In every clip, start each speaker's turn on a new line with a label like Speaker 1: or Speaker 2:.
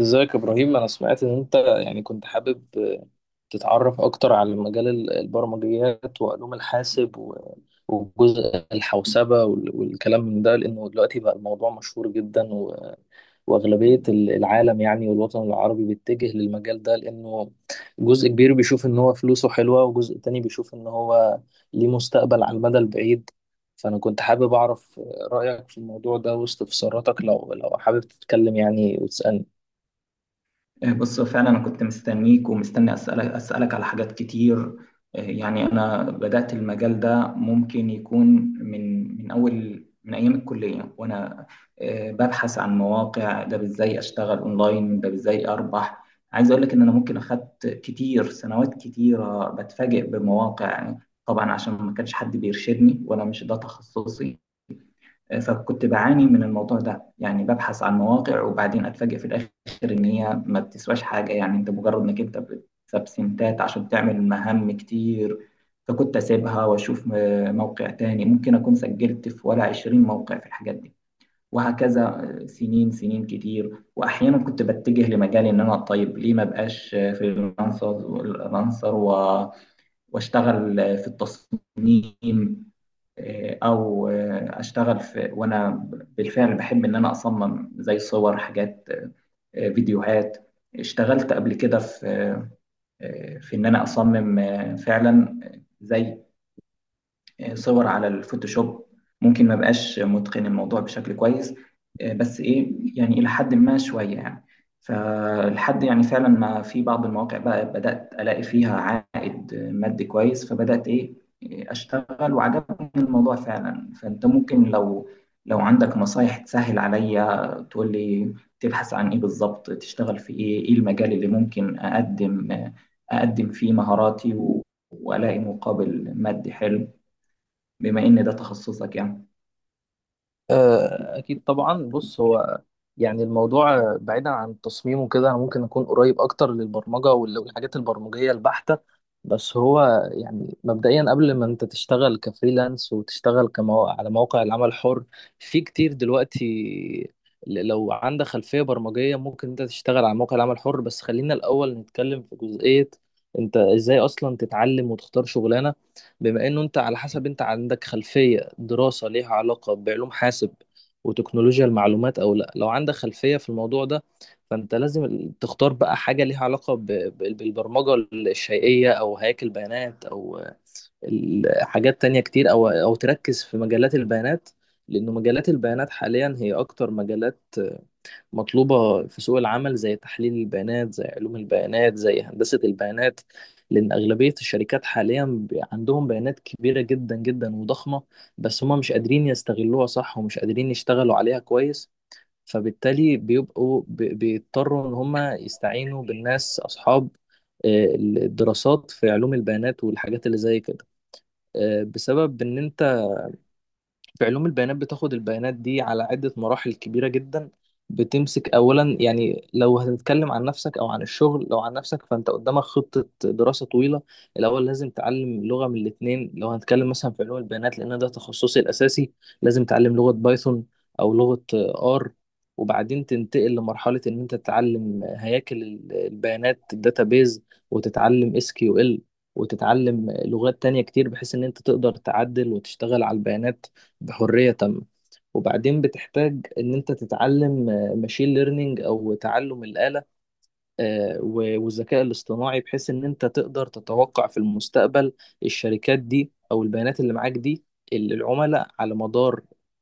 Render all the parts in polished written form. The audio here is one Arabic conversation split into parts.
Speaker 1: ازيك يا ابراهيم، انا سمعت ان انت يعني كنت حابب تتعرف اكتر على مجال البرمجيات وعلوم الحاسب وجزء الحوسبة والكلام من ده، لانه دلوقتي بقى الموضوع مشهور جدا واغلبية العالم يعني والوطن العربي بيتجه للمجال ده، لانه جزء كبير بيشوف ان هو فلوسه حلوة، وجزء تاني بيشوف ان هو ليه مستقبل على المدى البعيد. فأنا كنت حابب أعرف رأيك في الموضوع ده واستفساراتك لو حابب تتكلم يعني وتسألني.
Speaker 2: بص فعلا انا كنت مستنيك ومستني اسالك على حاجات كتير. يعني انا بدات المجال ده ممكن يكون من اول من ايام الكليه، وانا ببحث عن مواقع، ده ازاي اشتغل اونلاين، ده ازاي اربح. عايز اقول لك ان انا ممكن اخدت كتير سنوات كتيره بتفاجئ بمواقع، يعني طبعا عشان ما كانش حد بيرشدني وانا مش ده تخصصي. فكنت بعاني من الموضوع ده، يعني ببحث عن مواقع وبعدين اتفاجئ في الاخر ان هي ما بتسواش حاجه، يعني انت مجرد انك انت بتكسب سنتات عشان تعمل مهام كتير. فكنت اسيبها واشوف موقع تاني، ممكن اكون سجلت في ولا 20 موقع في الحاجات دي، وهكذا سنين سنين كتير. واحيانا كنت بتجه لمجالي ان انا طيب ليه ما بقاش فريلانسر واشتغل في التصميم. او اشتغل في، وانا بالفعل بحب ان انا اصمم زي صور، حاجات، فيديوهات. اشتغلت قبل كده في في ان انا اصمم، فعلا، زي صور على الفوتوشوب. ممكن ما بقاش متقن الموضوع بشكل كويس، بس ايه، يعني الى حد ما شويه يعني. فالحد يعني فعلا، ما في بعض المواقع بقى بدات الاقي فيها عائد مادي كويس، فبدات ايه، اشتغل وعجبني الموضوع فعلا. فانت ممكن لو عندك نصايح تسهل عليا تقول لي تبحث عن ايه بالظبط، تشتغل في ايه، ايه المجال اللي ممكن اقدم اقدم فيه مهاراتي والاقي مقابل مادي حلو، بما ان ده تخصصك يعني.
Speaker 1: أكيد طبعا. بص، هو يعني الموضوع، بعيدا عن التصميم وكده، أنا ممكن أكون قريب أكتر للبرمجة والحاجات البرمجية البحتة. بس هو يعني مبدئيا، قبل ما أنت تشتغل كفريلانس وتشتغل على مواقع العمل الحر، في كتير دلوقتي. لو عندك خلفية برمجية ممكن أنت تشتغل على مواقع العمل الحر، بس خلينا الأول نتكلم في جزئية أنت إزاي أصلا تتعلم وتختار شغلانة. بما انه انت، على حسب، انت عندك خلفية دراسة ليها علاقة بعلوم حاسب وتكنولوجيا المعلومات او لا، لو عندك خلفية في الموضوع ده فانت لازم تختار بقى حاجة ليها علاقة بالبرمجة الشيئية، او هياكل بيانات، او حاجات تانية كتير، او تركز في مجالات البيانات، لانه مجالات البيانات حاليا هي اكتر مجالات مطلوبة في سوق العمل، زي تحليل البيانات، زي علوم البيانات، زي هندسة البيانات. لأن أغلبية الشركات حاليا عندهم بيانات كبيرة جدا جدا وضخمة، بس هما مش قادرين يستغلوها صح ومش قادرين يشتغلوا عليها كويس، فبالتالي بيبقوا بيضطروا إن هما يستعينوا بالناس أصحاب الدراسات في علوم البيانات والحاجات اللي زي كده. بسبب إن أنت في علوم البيانات بتاخد البيانات دي على عدة مراحل كبيرة جدا. بتمسك أولا، يعني لو هتتكلم عن نفسك أو عن الشغل، لو عن نفسك فأنت قدامك خطة دراسة طويلة. الأول لازم تعلم لغة من الاتنين، لو هنتكلم مثلا في علوم البيانات لأن ده تخصصي الأساسي، لازم تعلم لغة بايثون أو لغة آر، وبعدين تنتقل لمرحلة إن أنت تتعلم هياكل البيانات، الداتابيز، وتتعلم اس كيو ال، وتتعلم لغات تانية كتير بحيث إن أنت تقدر تعدل وتشتغل على البيانات بحرية تامة. وبعدين بتحتاج ان انت تتعلم ماشين ليرنينج او تعلم الآلة والذكاء الاصطناعي، بحيث ان انت تقدر تتوقع في المستقبل الشركات دي او البيانات اللي معاك دي، اللي العملاء على مدار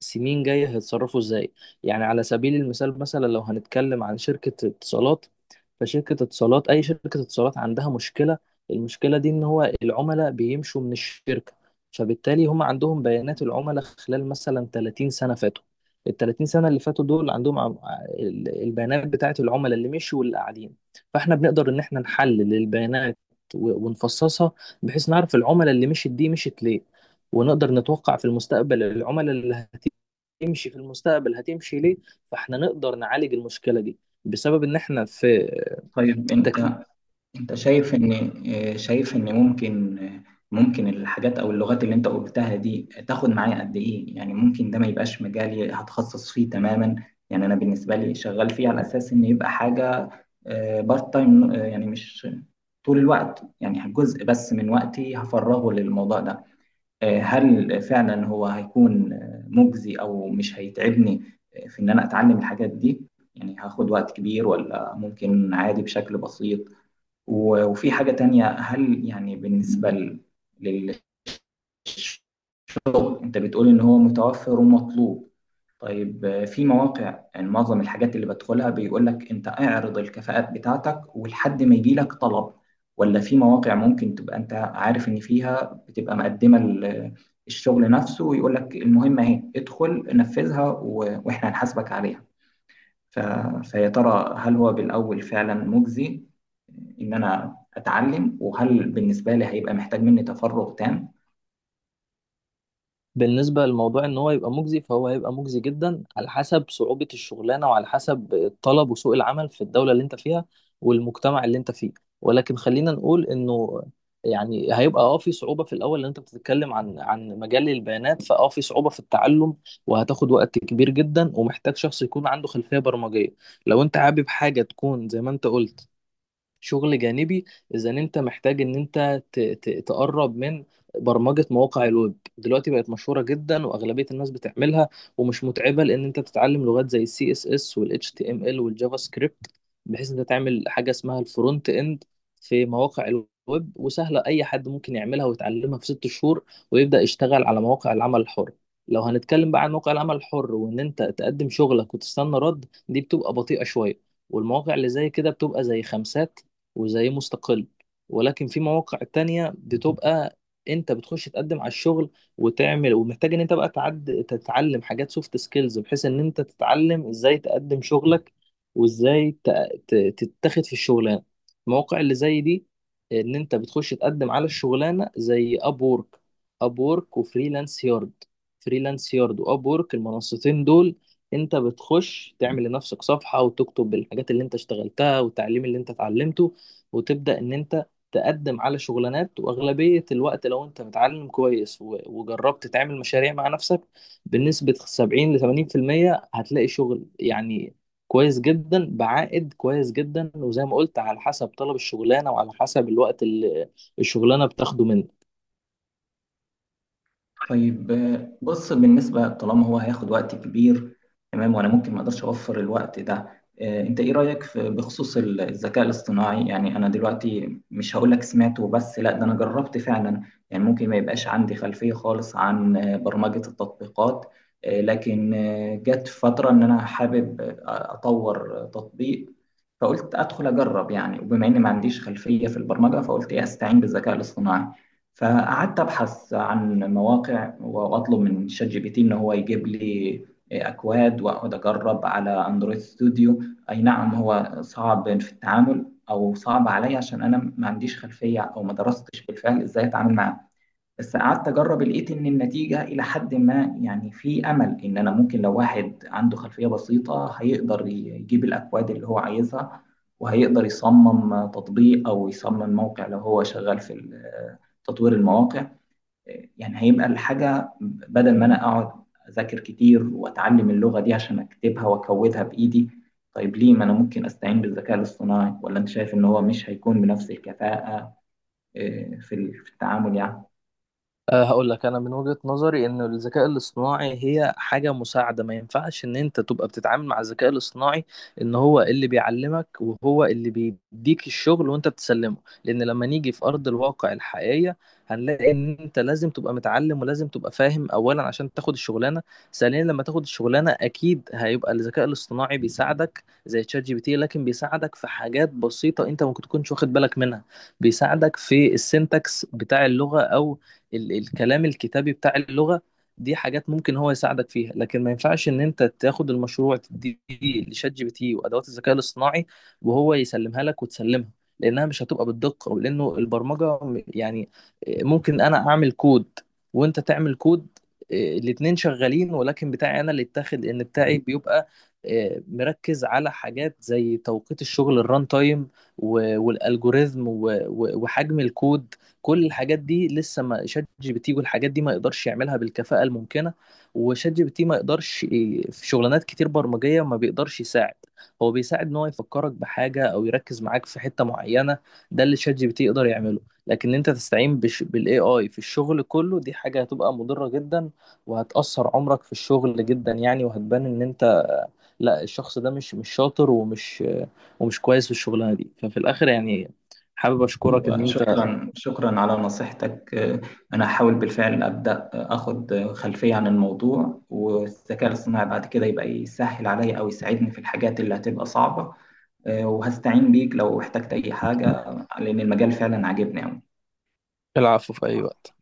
Speaker 1: سنين جاية هيتصرفوا ازاي. يعني على سبيل المثال، مثلا لو هنتكلم عن شركة اتصالات، فشركة اتصالات، اي شركة اتصالات، عندها مشكلة. المشكلة دي ان هو العملاء بيمشوا من الشركة، فبالتالي هم عندهم بيانات العملاء خلال مثلا 30 سنة فاتوا. ال 30 سنة اللي فاتوا دول عندهم البيانات بتاعت العملاء اللي مشوا واللي قاعدين، فاحنا بنقدر ان احنا نحلل البيانات ونفصصها بحيث نعرف العملاء اللي مشت دي مشت ليه، ونقدر نتوقع في المستقبل العملاء اللي هتمشي في المستقبل هتمشي ليه. فاحنا نقدر نعالج المشكلة دي بسبب ان احنا في
Speaker 2: طيب
Speaker 1: تكليف.
Speaker 2: انت، شايف ان شايف ان ممكن، ممكن الحاجات او اللغات اللي انت قلتها دي تاخد معايا قد ايه؟ يعني ممكن ده ما يبقاش مجالي هتخصص فيه تماما، يعني انا بالنسبه لي شغال فيه على اساس ان يبقى حاجه بارت تايم، يعني مش طول الوقت، يعني جزء بس من وقتي هفرغه للموضوع ده. هل فعلا هو هيكون مجزي او مش هيتعبني في ان انا اتعلم الحاجات دي؟ يعني هاخد وقت كبير ولا ممكن عادي بشكل بسيط؟ وفي حاجة تانية، هل يعني بالنسبة لل- شغل انت بتقول ان هو متوفر ومطلوب، طيب في مواقع، يعني معظم الحاجات اللي بدخلها بيقول لك انت اعرض الكفاءات بتاعتك ولحد ما يجي لك طلب، ولا في مواقع ممكن تبقى انت عارف ان فيها بتبقى مقدمة الشغل نفسه ويقول لك المهمة اهي ادخل نفذها واحنا هنحاسبك عليها؟ ف... فيا ترى هل هو بالاول فعلا مجزي ان انا اتعلم، وهل بالنسبة لي هيبقى محتاج مني تفرغ تام؟
Speaker 1: بالنسبة لموضوع ان هو يبقى مجزي، فهو هيبقى مجزي جدا على حسب صعوبة الشغلانة وعلى حسب الطلب وسوق العمل في الدولة اللي انت فيها والمجتمع اللي انت فيه. ولكن خلينا نقول انه يعني هيبقى في صعوبة في الاول، لان انت بتتكلم عن مجال البيانات، فاه في صعوبة في التعلم وهتاخد وقت كبير جدا ومحتاج شخص يكون عنده خلفية برمجية. لو انت حابب حاجة تكون زي ما انت قلت، شغل جانبي، اذا انت محتاج ان انت تقرب من برمجة مواقع الويب. دلوقتي بقت مشهورة جدا واغلبية الناس بتعملها، ومش متعبة لان انت بتتعلم لغات زي السي اس اس والاتش تي ام ال والجافا سكريبت، بحيث انت تعمل حاجة اسمها الفرونت اند في مواقع الويب، وسهلة اي حد ممكن يعملها ويتعلمها في ست شهور ويبدأ يشتغل على مواقع العمل الحر. لو هنتكلم بقى عن مواقع العمل الحر وان انت تقدم شغلك وتستنى رد، دي بتبقى بطيئة شوية. والمواقع اللي زي كده بتبقى زي خمسات، وزي مستقل. ولكن في مواقع تانية بتبقى انت بتخش تقدم على الشغل وتعمل، ومحتاج ان انت بقى تعد تتعلم حاجات سوفت سكيلز بحيث ان انت تتعلم ازاي تقدم شغلك وازاي ت- تتاخد في الشغلانه. المواقع اللي زي دي ان انت بتخش تقدم على الشغلانه زي اب وورك. اب وورك وفريلانس يارد، فريلانس يارد واب وورك، المنصتين دول انت بتخش تعمل لنفسك صفحه وتكتب الحاجات اللي انت اشتغلتها والتعليم اللي انت اتعلمته، وتبدأ إن أنت تقدم على شغلانات. وأغلبية الوقت لو أنت متعلم كويس وجربت تعمل مشاريع مع نفسك، بنسبة 70 ل 80% هتلاقي شغل يعني كويس جدا بعائد كويس جدا، وزي ما قلت على حسب طلب الشغلانة وعلى حسب الوقت اللي الشغلانة بتاخده منك.
Speaker 2: طيب بص، بالنسبة طالما هو هياخد وقت كبير، تمام، وأنا ممكن ما أقدرش أوفر الوقت ده، أنت إيه رأيك في بخصوص الذكاء الاصطناعي؟ يعني أنا دلوقتي مش هقول لك سمعته، بس لا، ده أنا جربت فعلا. يعني ممكن ما يبقاش عندي خلفية خالص عن برمجة التطبيقات، لكن جت فترة إن أنا حابب أطور تطبيق، فقلت أدخل أجرب يعني، وبما إني ما عنديش خلفية في البرمجة فقلت إيه، أستعين بالذكاء الاصطناعي. فقعدت أبحث عن مواقع واطلب من شات جي بي تي ان هو يجيب لي اكواد، واقعد اجرب على اندرويد ستوديو. اي نعم، هو صعب في التعامل او صعب عليا عشان انا ما عنديش خلفيه او ما درستش بالفعل ازاي اتعامل معاه، بس قعدت اجرب لقيت ان النتيجه الى حد ما، يعني في امل ان انا ممكن، لو واحد عنده خلفيه بسيطه هيقدر يجيب الاكواد اللي هو عايزها، وهيقدر يصمم تطبيق او يصمم موقع لو هو شغال في تطوير المواقع. يعني هيبقى الحاجة بدل ما أنا أقعد أذاكر كتير وأتعلم اللغة دي عشان أكتبها وأكودها بإيدي، طيب ليه ما أنا ممكن أستعين بالذكاء الاصطناعي؟ ولا أنت شايف إن هو مش هيكون بنفس الكفاءة في في التعامل يعني؟
Speaker 1: أه، هقول لك انا من وجهة نظري ان الذكاء الاصطناعي هي حاجة مساعدة. ما ينفعش ان انت تبقى بتتعامل مع الذكاء الاصطناعي ان هو اللي بيعلمك وهو اللي بيديك الشغل وانت بتسلمه، لان لما نيجي في ارض الواقع الحقيقية هنلاقي ان انت لازم تبقى متعلم ولازم تبقى فاهم اولا عشان تاخد الشغلانة. ثانيا، لما تاخد الشغلانة اكيد هيبقى الذكاء الاصطناعي بيساعدك زي تشات جي بي تي، لكن بيساعدك في حاجات بسيطة انت ممكن تكونش واخد بالك منها. بيساعدك في السنتكس بتاع اللغة او الكلام الكتابي بتاع اللغة. دي حاجات ممكن هو يساعدك فيها، لكن ما ينفعش ان انت تاخد المشروع تديه لشات جي بي تي وادوات الذكاء الاصطناعي وهو يسلمها لك وتسلمها، لانها مش هتبقى بالدقة، ولانه البرمجة يعني ممكن انا اعمل كود وانت تعمل كود، الاتنين شغالين، ولكن بتاعي انا اللي اتاخد ان بتاعي بيبقى مركز على حاجات زي توقيت الشغل، الران تايم والالجوريزم وحجم الكود. كل الحاجات دي لسه ما شات جي بي تي والحاجات دي ما يقدرش يعملها بالكفاءة الممكنة. وشات جي بي تي ما يقدرش في شغلانات كتير برمجية ما بيقدرش يساعد. هو بيساعد ان هو يفكرك بحاجة او يركز معاك في حتة معينة، ده اللي شات جي بي تي يقدر يعمله. لكن انت تستعين بالاي اي في الشغل كله، دي حاجة هتبقى مضرة جدا وهتأثر عمرك في الشغل جدا، يعني وهتبان ان انت، لا، الشخص ده مش شاطر ومش كويس في الشغلانة دي. ففي الاخر يعني حابب اشكرك ان انت.
Speaker 2: وشكرا على نصيحتك. أنا هحاول بالفعل أبدأ أخد خلفية عن الموضوع، والذكاء الاصطناعي بعد كده يبقى يسهل عليا أو يساعدني في الحاجات اللي هتبقى صعبة. وهستعين بيك لو احتجت أي حاجة، لأن المجال فعلا عاجبني أوي.
Speaker 1: العفو، في أي وقت.